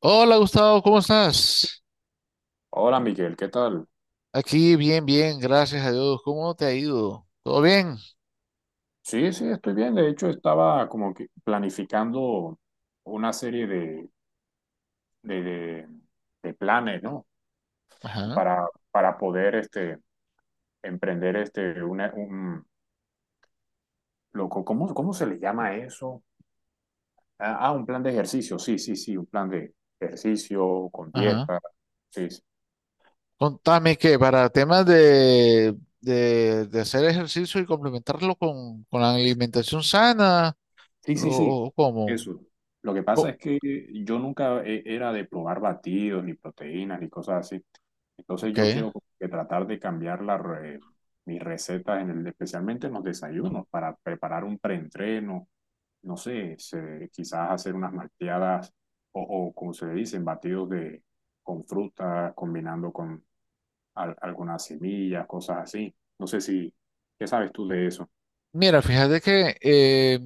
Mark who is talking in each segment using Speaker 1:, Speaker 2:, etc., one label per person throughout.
Speaker 1: Hola Gustavo, ¿cómo estás?
Speaker 2: Hola Miguel, ¿qué tal?
Speaker 1: Aquí bien, bien, gracias a Dios. ¿Cómo te ha ido? ¿Todo bien?
Speaker 2: Sí, sí, estoy bien. De hecho, estaba como que planificando una serie de, de- de planes, ¿no?
Speaker 1: Ajá,
Speaker 2: Para poder emprender loco, ¿cómo se le llama eso? Un plan de ejercicio. Sí, sí, sí, un plan de ejercicio con
Speaker 1: ajá.
Speaker 2: dieta. Sí, sí,
Speaker 1: Contame que para temas de hacer ejercicio y complementarlo con la alimentación sana
Speaker 2: sí, sí, sí,
Speaker 1: o cómo.
Speaker 2: eso. Lo que pasa
Speaker 1: Co-
Speaker 2: es que yo nunca era de probar batidos, ni proteínas, ni cosas así. Entonces
Speaker 1: ok.
Speaker 2: yo quiero como que tratar de cambiar mis recetas, especialmente en los desayunos, para preparar un preentreno, no sé, quizás hacer unas malteadas o, como se le dicen, batidos de, con fruta, combinando con algunas semillas, cosas así. No sé si, ¿qué sabes tú de eso?
Speaker 1: Mira, fíjate que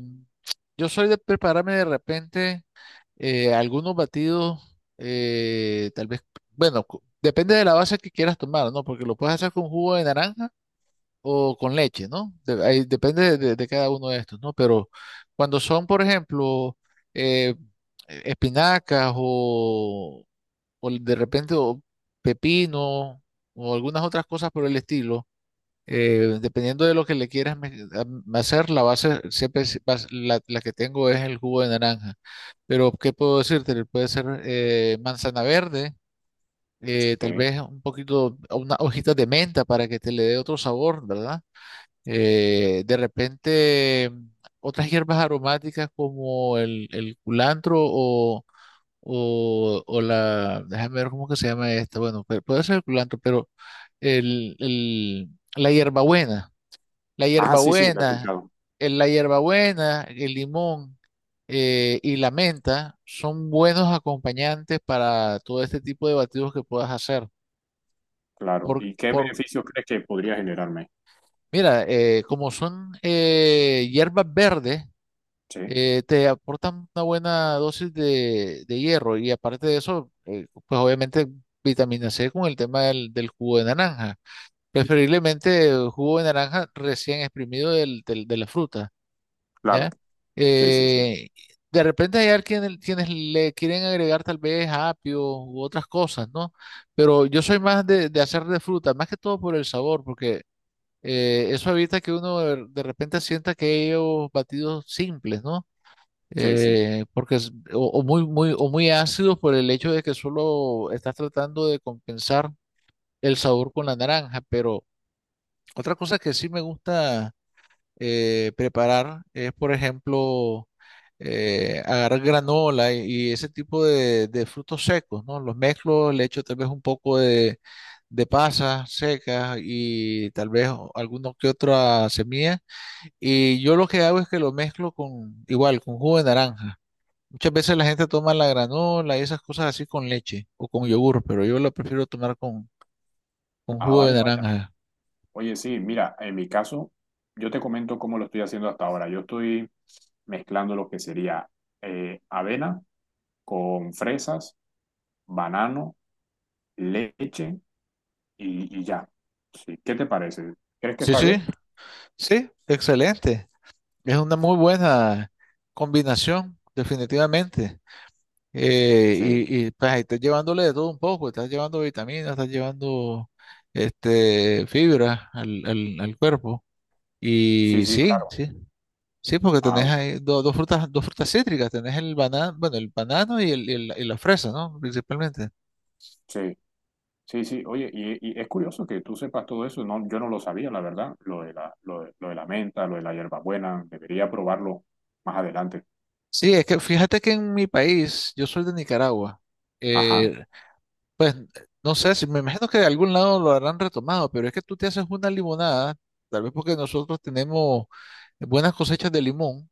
Speaker 1: yo soy de prepararme de repente algunos batidos, tal vez, bueno, depende de la base que quieras tomar, ¿no? Porque lo puedes hacer con jugo de naranja o con leche, ¿no? Ahí depende de cada uno de estos, ¿no? Pero cuando son, por ejemplo, eh, espinacas o de repente o pepino o algunas otras cosas por el estilo, dependiendo de lo que le quieras hacer, la base siempre la que tengo es el jugo de naranja. Pero, ¿qué puedo decirte? Puede ser manzana verde. Tal
Speaker 2: Sí.
Speaker 1: vez un poquito, unas hojitas de menta para que te le dé otro sabor, ¿verdad? De repente, otras hierbas aromáticas como el culantro o la, déjame ver cómo que se llama esta, bueno, pero puede ser el culantro, pero el, el- la hierbabuena, la
Speaker 2: Ah, sí, sí, la he
Speaker 1: hierbabuena,
Speaker 2: escuchado.
Speaker 1: el limón y la menta son buenos acompañantes para todo este tipo de batidos que puedas hacer.
Speaker 2: Claro.
Speaker 1: Por,
Speaker 2: ¿Y qué
Speaker 1: por,
Speaker 2: beneficios crees que podría generarme?
Speaker 1: Mira, como son hierbas verdes,
Speaker 2: Sí,
Speaker 1: te aportan una buena dosis de hierro y aparte de eso, pues obviamente vitamina C con el tema del jugo de naranja, preferiblemente jugo de naranja recién exprimido de la fruta,
Speaker 2: claro.
Speaker 1: ¿ya?
Speaker 2: Sí, sí, sí.
Speaker 1: Eh, de repente hay quienes le quieren agregar tal vez apio u otras cosas, ¿no? Pero yo soy más de hacer de fruta, más que todo por el sabor, porque eso evita que uno de repente sienta que ellos batidos simples, ¿no?
Speaker 2: Sí, sí.
Speaker 1: Porque es, o muy, muy, o muy ácidos por el hecho de que solo estás tratando de compensar el sabor con la naranja. Pero otra cosa que sí me gusta preparar es, por ejemplo, agarrar granola y ese tipo de frutos secos, ¿no? Los mezclo, le echo tal vez un poco de pasas secas y tal vez alguno que otra semilla. Y yo lo que hago es que lo mezclo con, igual, con jugo de naranja. Muchas veces la gente toma la granola y esas cosas así con leche o con yogur, pero yo la prefiero tomar con
Speaker 2: Ah,
Speaker 1: jugo de
Speaker 2: vaya, vaya.
Speaker 1: naranja.
Speaker 2: Oye, sí, mira, en mi caso, yo te comento cómo lo estoy haciendo hasta ahora. Yo estoy mezclando lo que sería avena con fresas, banano, leche y ya. Sí, ¿qué te parece? ¿Crees que
Speaker 1: Sí,
Speaker 2: está
Speaker 1: sí,
Speaker 2: bien?
Speaker 1: sí, excelente. Es una muy buena combinación, definitivamente.
Speaker 2: Sí,
Speaker 1: Pues ahí estás llevándole de todo un poco, estás llevando vitaminas, estás llevando este, fibra al cuerpo.
Speaker 2: sí,
Speaker 1: Y
Speaker 2: sí,
Speaker 1: sí,
Speaker 2: claro.
Speaker 1: sí, sí, porque
Speaker 2: Ah,
Speaker 1: tenés
Speaker 2: ok.
Speaker 1: ahí dos frutas cítricas, tenés el banano, bueno, el banano y la fresa, ¿no? Principalmente.
Speaker 2: Sí, sí, sí. Oye, y es curioso que tú sepas todo eso. No, yo no lo sabía, la verdad, lo de la menta, lo de la hierbabuena. Debería probarlo más adelante.
Speaker 1: Sí, es que fíjate que en mi país, yo soy de Nicaragua,
Speaker 2: Ajá,
Speaker 1: eh, pues no sé, si, me imagino que de algún lado lo habrán retomado, pero es que tú te haces una limonada, tal vez porque nosotros tenemos buenas cosechas de limón,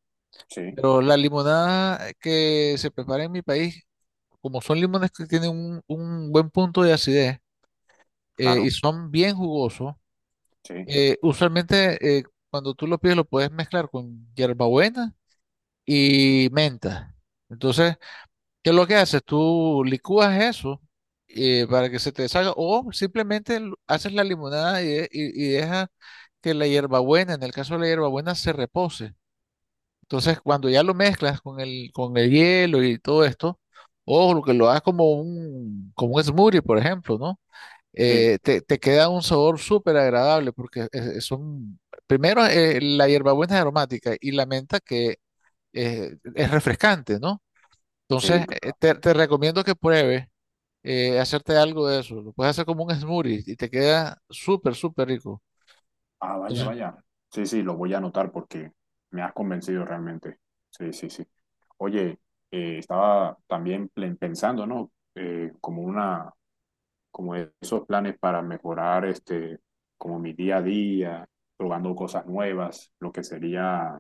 Speaker 2: sí,
Speaker 1: pero la limonada que se prepara en mi país, como son limones que tienen un buen punto de acidez y
Speaker 2: claro,
Speaker 1: son bien jugosos,
Speaker 2: sí,
Speaker 1: usualmente cuando tú lo pides lo puedes mezclar con hierbabuena y menta. Entonces, ¿qué es lo que haces? Tú licúas eso para que se te salga o simplemente haces la limonada y dejas que la hierbabuena, en el caso de la hierbabuena, se repose. Entonces, cuando ya lo mezclas con el hielo y todo esto, o lo que lo hagas como un smoothie, por ejemplo, ¿no?
Speaker 2: sí,
Speaker 1: Te queda un sabor súper agradable porque son, primero, la hierbabuena es aromática y la menta que es refrescante, ¿no? Entonces,
Speaker 2: sí.
Speaker 1: te recomiendo que pruebes hacerte algo de eso. Lo puedes hacer como un smoothie y te queda súper, súper rico.
Speaker 2: Ah, vaya,
Speaker 1: Entonces,
Speaker 2: vaya. Sí, sí, lo voy a anotar porque me has convencido realmente. Sí, sí, sí. Oye, estaba también pensando, ¿no? Como esos planes para mejorar como mi día a día, probando cosas nuevas, lo que sería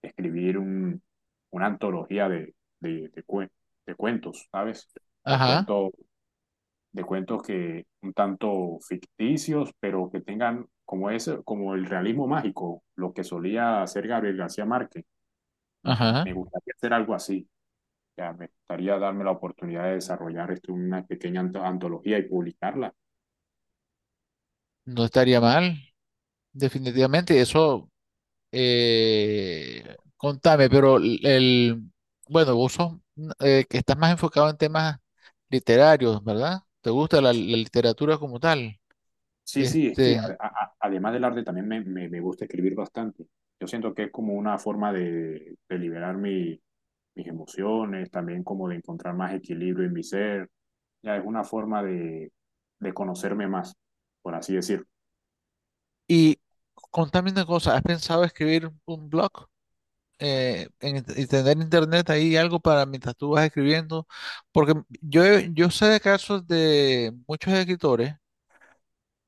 Speaker 2: escribir una antología de, de cue- de cuentos, ¿sabes? De
Speaker 1: ajá,
Speaker 2: cuentos de cuentos que un tanto ficticios, pero que tengan como ese, como el realismo mágico, lo que solía hacer Gabriel García Márquez.
Speaker 1: ajá.
Speaker 2: Me gustaría hacer algo así. Ya, me gustaría darme la oportunidad de desarrollar esto una pequeña antología y publicarla.
Speaker 1: No estaría mal, definitivamente. Eso, contame, pero bueno, vos sos, que estás más enfocado en temas literarios, ¿verdad? ¿Te gusta la literatura como tal?
Speaker 2: Sí, sí, es que
Speaker 1: Este,
Speaker 2: además del arte también me gusta escribir bastante. Yo siento que es como una forma de liberar mis emociones, también como de encontrar más equilibrio en mi ser. Ya es una forma de conocerme más, por así decirlo.
Speaker 1: y contame una cosa, ¿has pensado escribir un blog? Y tener internet ahí algo para mientras tú vas escribiendo, porque yo sé de casos de muchos escritores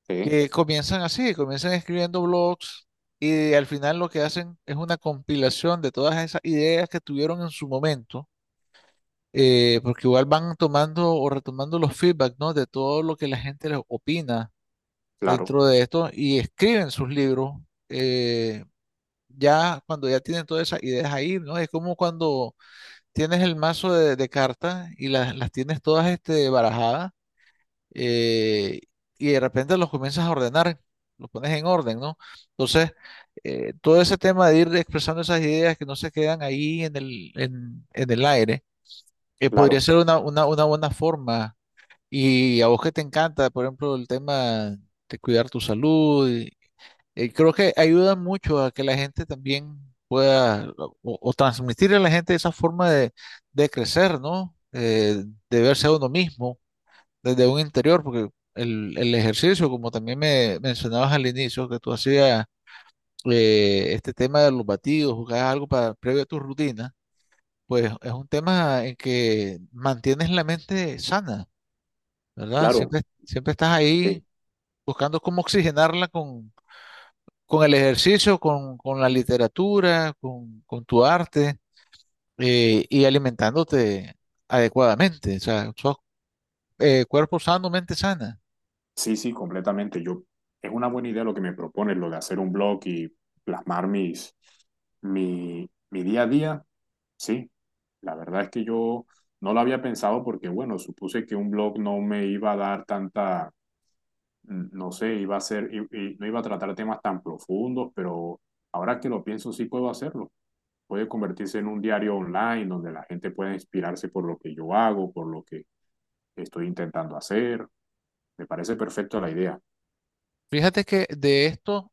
Speaker 2: Sí,
Speaker 1: que comienzan así, comienzan escribiendo blogs y al final lo que hacen es una compilación de todas esas ideas que tuvieron en su momento, porque igual van tomando o retomando los feedback, ¿no?, de todo lo que la gente les opina
Speaker 2: claro,
Speaker 1: dentro de esto y escriben sus libros. eh, Ya cuando ya tienen todas esas ideas ahí, ¿no? Es como cuando tienes el mazo de cartas y las tienes todas barajadas eh, y de repente los comienzas a ordenar, los pones en orden, ¿no? Entonces, todo ese tema de ir expresando esas ideas que no se quedan ahí en el aire, podría
Speaker 2: claro,
Speaker 1: ser una buena forma. Y a vos que te encanta, por ejemplo, el tema de cuidar tu salud, creo que ayuda mucho a que la gente también pueda o transmitirle a la gente esa forma de crecer, ¿no? De verse a uno mismo desde un interior, porque el ejercicio, como también me mencionabas al inicio, que tú hacías este tema de los batidos, jugabas algo para, previo a tu rutina, pues es un tema en que mantienes la mente sana, ¿verdad?
Speaker 2: claro.
Speaker 1: Siempre, siempre estás
Speaker 2: Sí,
Speaker 1: ahí buscando cómo oxigenarla con el ejercicio, con la literatura, con tu arte y alimentándote adecuadamente. O sea, sos cuerpo sano, mente sana.
Speaker 2: sí, sí, completamente. Es una buena idea lo que me propones, lo de hacer un blog y plasmar mi día a día. Sí, la verdad es que yo no lo había pensado porque, bueno, supuse que un blog no me iba a dar tanta, no sé, iba a ser, no iba a tratar temas tan profundos, pero ahora que lo pienso sí puedo hacerlo. Puede convertirse en un diario online donde la gente pueda inspirarse por lo que yo hago, por lo que estoy intentando hacer. Me parece perfecto la idea.
Speaker 1: Fíjate que de esto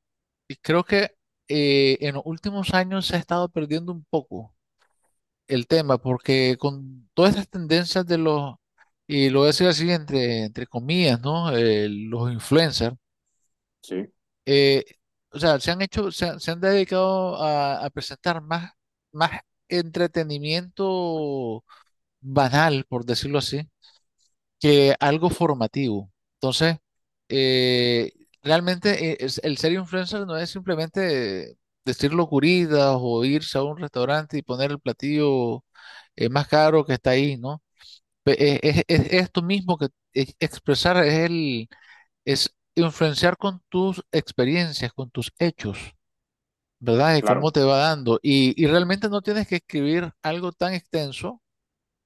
Speaker 1: y creo que en los últimos años se ha estado perdiendo un poco el tema porque con todas estas tendencias de los, y lo voy a decir así entre comillas, ¿no? Los influencers
Speaker 2: Sí,
Speaker 1: eh, o sea, se han hecho, se han dedicado a presentar más, más entretenimiento banal, por decirlo así, que algo formativo. Entonces, eh, realmente el ser influencer no es simplemente decir locuridas o irse a un restaurante y poner el platillo más caro que está ahí, ¿no? Es tú mismo que expresar, es influenciar con tus experiencias, con tus hechos, ¿verdad? De cómo
Speaker 2: claro,
Speaker 1: te va dando. Y realmente no tienes que escribir algo tan extenso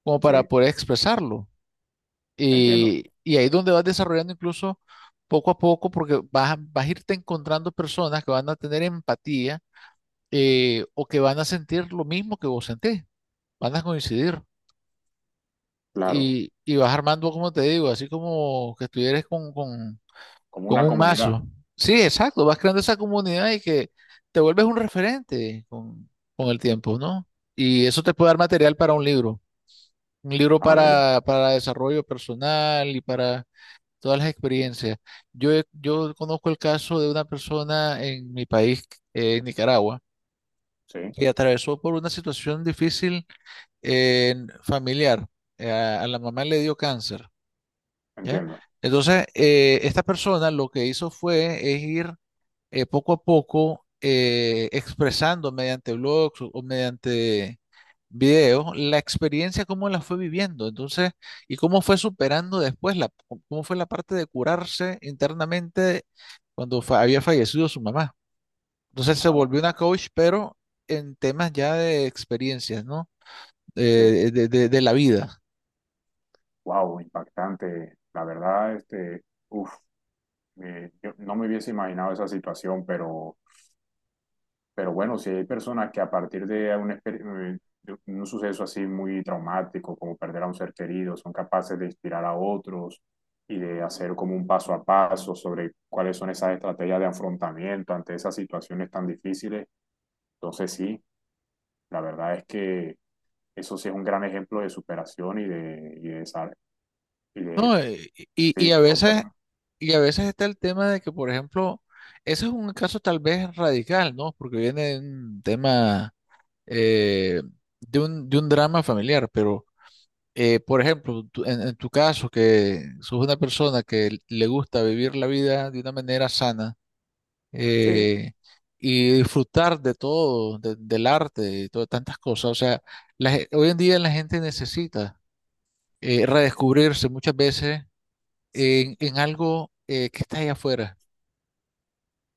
Speaker 1: como para
Speaker 2: sí,
Speaker 1: poder expresarlo.
Speaker 2: entiendo,
Speaker 1: Y ahí es donde vas desarrollando incluso poco a poco, porque vas a irte encontrando personas que van a tener empatía, o que van a sentir lo mismo que vos sentís, van a coincidir.
Speaker 2: claro,
Speaker 1: Y vas armando, como te digo, así como que estuvieras con, con,
Speaker 2: como
Speaker 1: con
Speaker 2: una
Speaker 1: un mazo.
Speaker 2: comunidad.
Speaker 1: Sí, exacto, vas creando esa comunidad y que te vuelves un referente con el tiempo, ¿no? Y eso te puede dar material para un libro
Speaker 2: Ah, vaya,
Speaker 1: para desarrollo personal y para todas las experiencias. Yo conozco el caso de una persona en mi país, en Nicaragua,
Speaker 2: sí,
Speaker 1: que atravesó por una situación difícil, eh, familiar. A la mamá le dio cáncer, ¿ya?
Speaker 2: entiendo.
Speaker 1: Entonces, esta persona lo que hizo fue es ir, poco a poco, expresando mediante blogs o mediante videos la experiencia, cómo la fue viviendo, entonces, y cómo fue superando después, cómo fue la parte de curarse internamente cuando había fallecido su mamá. Entonces se
Speaker 2: Ah, vaya,
Speaker 1: volvió una coach, pero en temas ya de experiencias, ¿no?
Speaker 2: sí.
Speaker 1: De la vida.
Speaker 2: Wow, impactante. La verdad, uf, yo no me hubiese imaginado esa situación, pero bueno, si hay personas que a partir de un suceso así muy traumático, como perder a un ser querido, son capaces de inspirar a otros y de hacer como un paso a paso sobre cuáles son esas estrategias de afrontamiento ante esas situaciones tan difíciles. Entonces, sí, la verdad es que eso sí es un gran ejemplo de superación y de, sal- y de,
Speaker 1: No, y, y
Speaker 2: sí,
Speaker 1: a veces,
Speaker 2: completamente.
Speaker 1: y a veces está el tema de que, por ejemplo, ese es un caso tal vez radical, ¿no? Porque viene de un tema, eh, de un drama familiar, pero, por ejemplo, en tu caso, que sos una persona que le gusta vivir la vida de una manera sana
Speaker 2: Sí,
Speaker 1: eh, y disfrutar de todo, del arte y todas tantas cosas, o sea, hoy en día la gente necesita redescubrirse muchas veces en algo que está ahí afuera,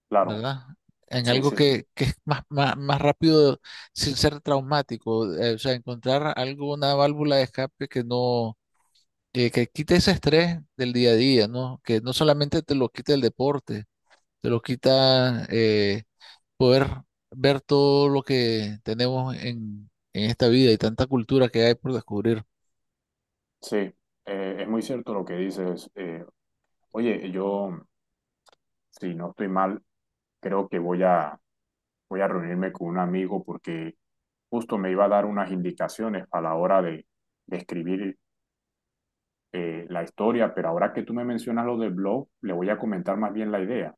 Speaker 2: claro.
Speaker 1: ¿verdad? En
Speaker 2: Sí,
Speaker 1: algo
Speaker 2: sí,
Speaker 1: que es más rápido sin ser traumático, o sea, encontrar algo, una válvula de escape que no, que quite ese estrés del día a día, ¿no? Que no solamente te lo quita el deporte, te lo quita, poder ver todo lo que tenemos en esta vida y tanta cultura que hay por descubrir.
Speaker 2: sí. Es muy cierto lo que dices. Oye, yo, si no estoy mal, creo que voy a reunirme con un amigo porque justo me iba a dar unas indicaciones a la hora de escribir la historia, pero ahora que tú me mencionas lo del blog, le voy a comentar más bien la idea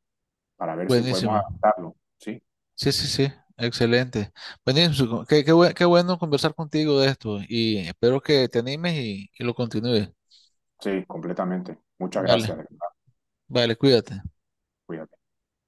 Speaker 2: para ver si podemos
Speaker 1: Buenísimo.
Speaker 2: adaptarlo. Sí,
Speaker 1: Sí, sí, sí, excelente. Buenísimo, qué bueno conversar contigo de esto y espero que te animes y lo continúes.
Speaker 2: sí, completamente. Muchas gracias,
Speaker 1: Vale,
Speaker 2: de verdad.
Speaker 1: vale, cuídate.
Speaker 2: Cuídate.